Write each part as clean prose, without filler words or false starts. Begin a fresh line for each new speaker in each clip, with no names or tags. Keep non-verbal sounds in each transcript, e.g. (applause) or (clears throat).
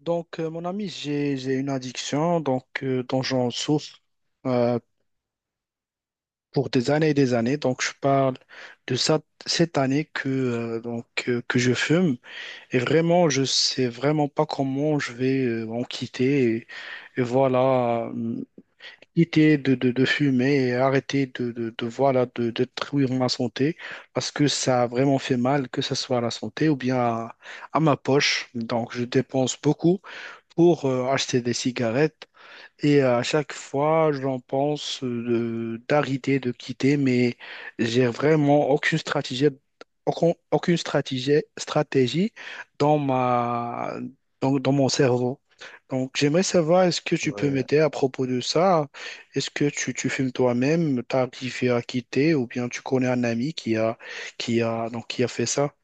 Donc, mon ami, j'ai une addiction donc, dont j'en souffre euh, pour des années et des années. Donc, je parle de ça, cette année que, donc, que je fume. Et vraiment, je sais vraiment pas comment je vais en quitter. Et voilà, quitter de fumer et arrêter de, voilà, de détruire ma santé parce que ça a vraiment fait mal, que ce soit à la santé ou bien à ma poche. Donc, je dépense beaucoup pour acheter des cigarettes. Et à chaque fois, j'en pense d'arrêter, de quitter, mais j'ai vraiment aucune stratégie, aucune stratégie dans ma, dans mon cerveau. Donc, j'aimerais savoir, est-ce que tu peux
Ouais,
m'aider à propos de ça? Est-ce que tu fumes toi-même, t'as arrivé à quitter, ou bien tu connais un ami qui a fait ça?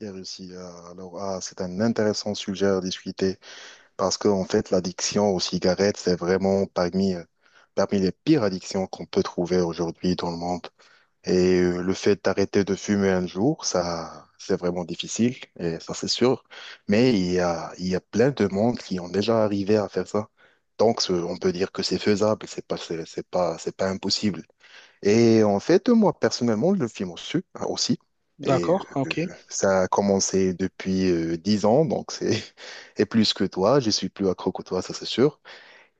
et réussi. Alors, ah, c'est un intéressant sujet à discuter parce que, en fait, l'addiction aux cigarettes, c'est vraiment parmi, parmi les pires addictions qu'on peut trouver aujourd'hui dans le monde. Le fait d'arrêter de fumer un jour, ça, c'est vraiment difficile, et ça, c'est sûr. Mais il y a plein de monde qui ont déjà arrivé à faire ça. Donc, on peut dire que c'est faisable, c'est pas, c'est pas impossible. Et en fait, moi, personnellement, le film aussi. aussi. Et euh,
D'accord,
euh,
ok.
Ça a commencé depuis 10 ans, donc c'est (laughs) et plus que toi. Je suis plus accro que toi, ça c'est sûr.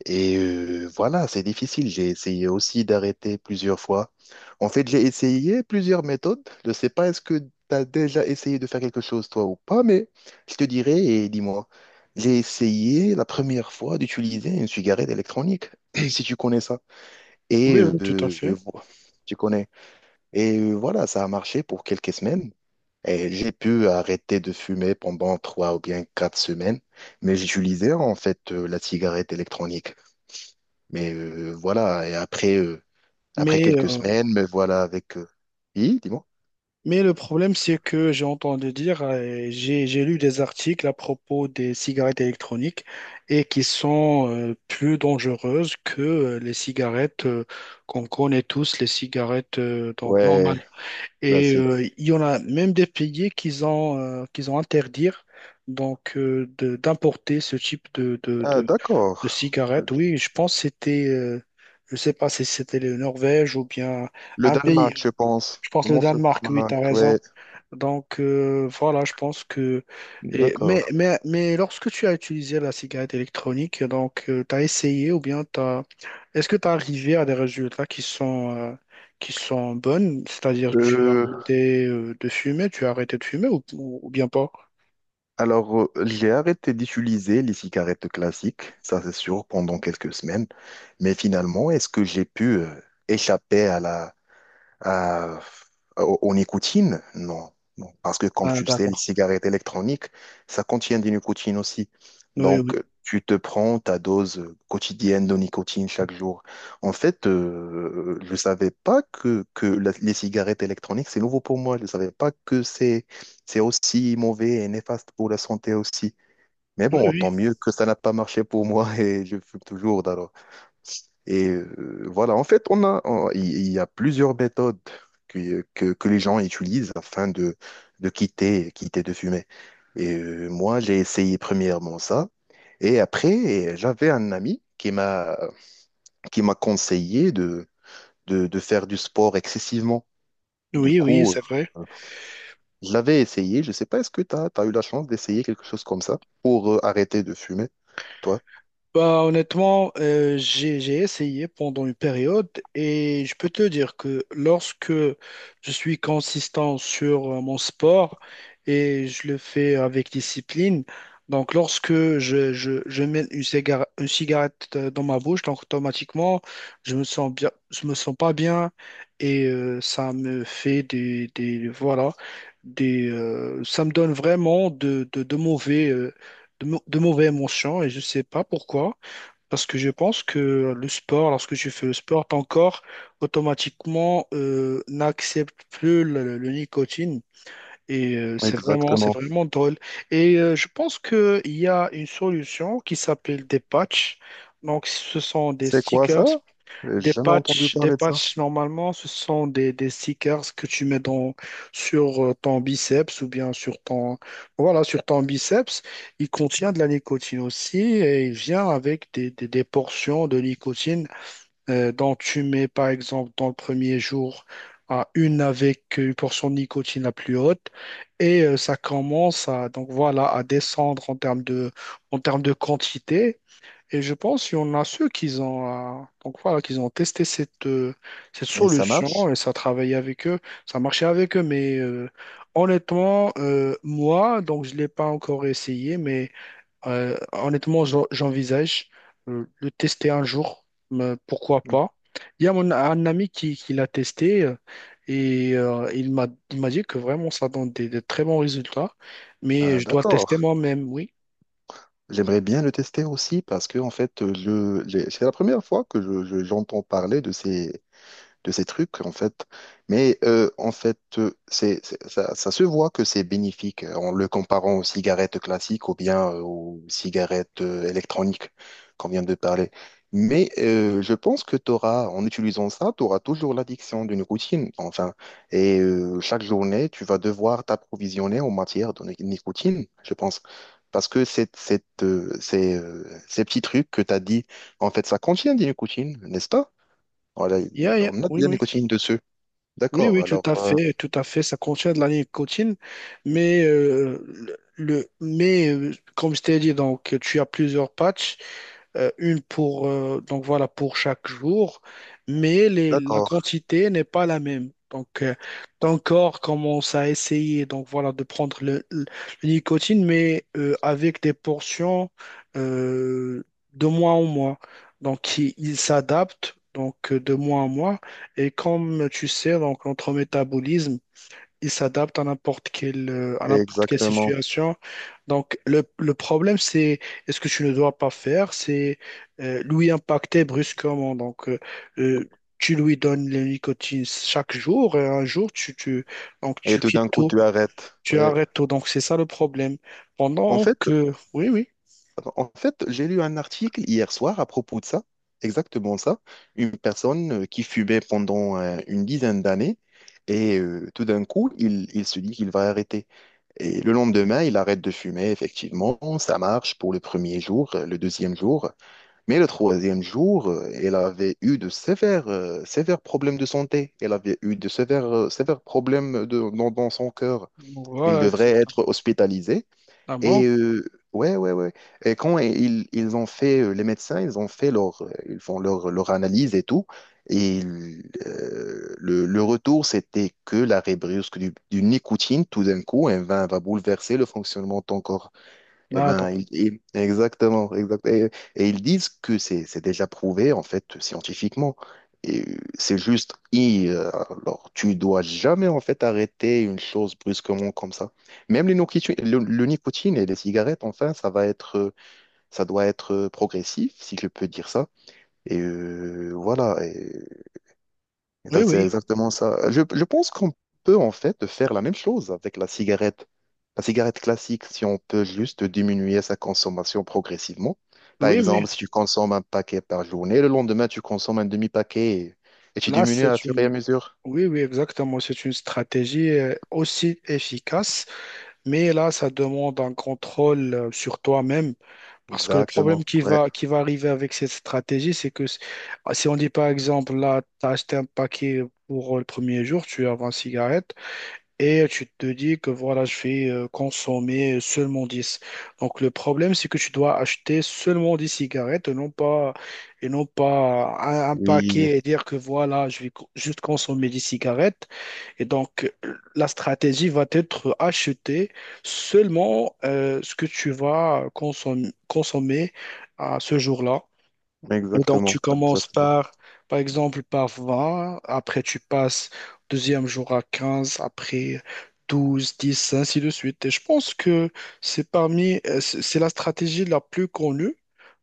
Voilà, c'est difficile. J'ai essayé aussi d'arrêter plusieurs fois. En fait, j'ai essayé plusieurs méthodes. Je ne sais pas est-ce que tu as déjà essayé de faire quelque chose, toi, ou pas, mais je te dirai et dis-moi. J'ai essayé la première fois d'utiliser une cigarette électronique, (clears throat) si tu connais ça. Et
Oui, oui, tout à
euh,
fait.
euh, Tu connais. Voilà, ça a marché pour quelques semaines. Et j'ai pu arrêter de fumer pendant trois ou bien quatre semaines, mais j'utilisais en fait la cigarette électronique. Voilà, et après, après
Mais
quelques
euh,
semaines, me voilà avec... Oui, dis-moi.
Mais le problème, c'est que j'ai entendu dire, j'ai lu des articles à propos des cigarettes électroniques et qui sont plus dangereuses que les cigarettes qu'on connaît tous, les cigarettes donc normales.
Ouais,
Et
classique.
il y en a même des pays qui ont qu'ils ont interdire donc d'importer ce type de de,
Ah,
de
d'accord.
de cigarettes. Oui, je pense que c'était je sais pas si c'était le Norvège ou bien
Le
un pays.
Danemark, je pense.
Je pense le
Vraiment, c'est le
Danemark. Oui, tu
Danemark,
as raison.
ouais.
Donc voilà, je pense que. et-
D'accord.
mais, mais, mais lorsque tu as utilisé la cigarette électronique, donc tu as essayé ou bien t'as... est-ce que tu as arrivé à des résultats qui sont bonnes? C'est-à-dire tu as
Euh,
arrêté de fumer, tu as arrêté de fumer ou bien pas?
Alors, j'ai arrêté d'utiliser les cigarettes classiques, ça c'est sûr, pendant quelques semaines. Mais finalement, est-ce que j'ai pu échapper à la, euh, au nicotine, non. Non. Parce que comme
Ah,
tu le sais,
d'accord.
les cigarettes électroniques, ça contient du nicotine aussi.
Oui,
Donc,
oui.
tu te prends ta dose quotidienne de nicotine chaque jour. En fait, je ne savais pas que, les cigarettes électroniques, c'est nouveau pour moi. Je ne savais pas que c'est aussi mauvais et néfaste pour la santé aussi. Mais
Oui,
bon,
oui.
tant mieux que ça n'a pas marché pour moi (laughs) et je fume toujours. Voilà, en fait, il y a plusieurs méthodes que les gens utilisent afin de, quitter de fumer. Moi, j'ai essayé premièrement ça. Et après, j'avais un ami qui m'a conseillé de, de faire du sport excessivement. Du
Oui, oui,
coup,
c'est vrai.
euh, je l'avais essayé. Je sais pas, est-ce que tu as eu la chance d'essayer quelque chose comme ça pour arrêter de fumer, toi?
Bah, honnêtement, j'ai essayé pendant une période et je peux te dire que lorsque je suis consistant sur mon sport et je le fais avec discipline, donc lorsque je mets une cigarette, dans ma bouche, donc automatiquement, je me sens bien, je me sens pas bien et ça me fait des, ça me donne vraiment de mauvais, de mauvais émotions et je sais pas pourquoi. Parce que je pense que le sport, lorsque tu fais le sport, ton corps automatiquement n'accepte plus le nicotine. Et c'est vraiment, c'est
Exactement.
vraiment drôle. Et je pense qu'il y a une solution qui s'appelle des patchs. Donc, ce sont des
C'est quoi ça?
stickers
J'ai
des
jamais entendu
patchs, des
parler de ça.
patchs, normalement, ce sont des stickers que tu mets sur ton biceps ou bien sur ton biceps. Il contient de la nicotine aussi et il vient avec des portions de nicotine dont tu mets, par exemple, dans le premier jour, à une avec une portion de nicotine la plus haute et ça commence à descendre en termes de quantité et je pense qu'il y en a ceux qui ont, donc voilà, qu'ils ont testé cette
Et ça
solution
marche?
et ça travaillait avec eux, ça marchait avec eux. Mais honnêtement, moi, donc je ne l'ai pas encore essayé, mais honnêtement, j'envisage le tester un jour, mais pourquoi pas. Il y a un ami qui l'a testé et il m'a dit que vraiment ça donne des très bons résultats, mais
Ah,
je dois le tester
d'accord.
moi-même, oui.
J'aimerais bien le tester aussi parce que en fait, c'est la première fois que j'entends parler de ces trucs, en fait. En fait, ça, ça se voit que c'est bénéfique en le comparant aux cigarettes classiques ou bien aux cigarettes électroniques qu'on vient de parler. Je pense que t'auras, en utilisant ça, tu auras toujours l'addiction d'une routine, enfin. Chaque journée, tu vas devoir t'approvisionner en matière de nicotine, je pense. Parce que ces petits trucs que tu as dit, en fait, ça contient des nicotines, n'est-ce pas? Voilà,
Yeah, yeah,
on a
oui,
bien
oui.
nicotine dessus.
Oui,
D'accord,
oui, tout
alors,
à fait, tout à fait. Ça contient de la nicotine, mais euh, le, mais, comme je t'ai dit, donc tu as plusieurs patchs une pour, donc voilà, pour chaque jour, mais la
d'accord,
quantité n'est pas la même. Donc, ton corps commence à essayer donc voilà, de prendre le nicotine, mais avec des portions euh, de mois en mois. Donc, il s'adapte donc de mois en mois. Et comme tu sais, donc, notre métabolisme, il s'adapte à n'importe quelle
exactement.
situation. Donc, le problème, c'est est-ce que tu ne dois pas faire, c'est lui impacter brusquement. Donc, euh, tu lui donnes la nicotine chaque jour et un jour, tu, tu, donc,
Et
tu
tout d'un
quittes
coup,
tout.
tu arrêtes.
Tu
Ouais.
arrêtes tout, donc c'est ça le problème.
En
Pendant
fait,
que... Oui, oui.
En fait, j'ai lu un article hier soir à propos de ça, exactement ça. Une personne qui fumait pendant une dizaine d'années et tout d'un coup, il se dit qu'il va arrêter. Et le lendemain, il arrête de fumer, effectivement. Ça marche pour le premier jour, le deuxième jour. Mais le troisième jour, elle avait eu de sévères, sévères problèmes de santé. Elle avait eu de sévères, sévères problèmes de, dans son cœur. Il
Voilà,
devrait
exactement.
être hospitalisé.
Ah bon?
Et ouais. Et quand ils ont fait, les médecins, ils ont fait leur, ils font leur analyse et tout. Et ils, le retour, c'était que la brusque du nicotine, tout d'un coup, va bouleverser le fonctionnement de ton corps. Eh
Ah,
ben,
donc.
exactement, exact. Et ils disent que c'est déjà prouvé en fait scientifiquement. C'est juste, alors tu dois jamais en fait arrêter une chose brusquement comme ça. Même les nicotine, le nicotine et les cigarettes, enfin, ça doit être progressif, si je peux dire ça. Voilà.
Oui,
C'est
oui.
exactement ça. Je pense qu'on peut en fait faire la même chose avec la cigarette. La cigarette classique, si on peut juste diminuer sa consommation progressivement. Par
Oui, mais
exemple, si tu consommes un paquet par journée, le lendemain, tu consommes un demi-paquet et tu
là,
diminues à
c'est
fur et
une...
à mesure.
Oui, oui, exactement. C'est une stratégie aussi efficace. Mais là, ça demande un contrôle sur toi-même parce que le problème
Exactement.
qui
Ouais.
va, qui va arriver avec cette stratégie, c'est que si on dit par exemple, là, tu as acheté un paquet pour le premier jour, tu as 20 cigarettes et tu te dis que voilà, je vais consommer seulement 10. Donc le problème, c'est que tu dois acheter seulement 10 cigarettes et non pas, un
Oui,
paquet et dire que voilà, je vais juste consommer 10 cigarettes et donc, la stratégie va être acheter seulement ce que tu vas consommer à ce jour-là. Et donc, tu
exactement.
commences
Exactement.
par, par exemple, par 20, après tu passes au deuxième jour à 15, après 12, 10, ainsi de suite. Et je pense que c'est parmi, c'est la stratégie la plus connue.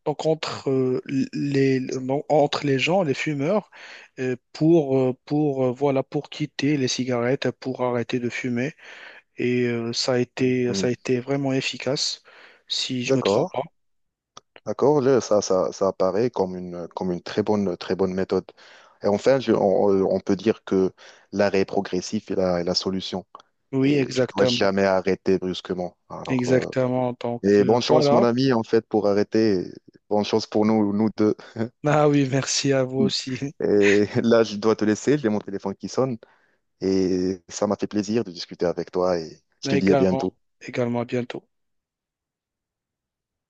Donc, entre, les, non, entre les gens, les fumeurs, voilà, pour quitter les cigarettes, pour arrêter de fumer. Et ça a été, ça
Mhm.
a été vraiment efficace, si je me trompe
D'accord.
pas.
D'accord, là, ça apparaît comme une très bonne méthode. Et enfin, on peut dire que l'arrêt progressif est la solution.
Oui,
Et tu dois
exactement.
jamais arrêter brusquement. Alors,
Exactement. Donc,
et bonne chance, mon
voilà.
ami, en fait, pour arrêter. Bonne chance pour nous, nous deux.
Ah oui, merci à vous aussi.
Et (laughs) là, je dois te laisser. J'ai mon téléphone qui sonne. Et ça m'a fait plaisir de discuter avec toi. Et
(laughs)
je te
Mais
dis à
également,
bientôt.
également à bientôt.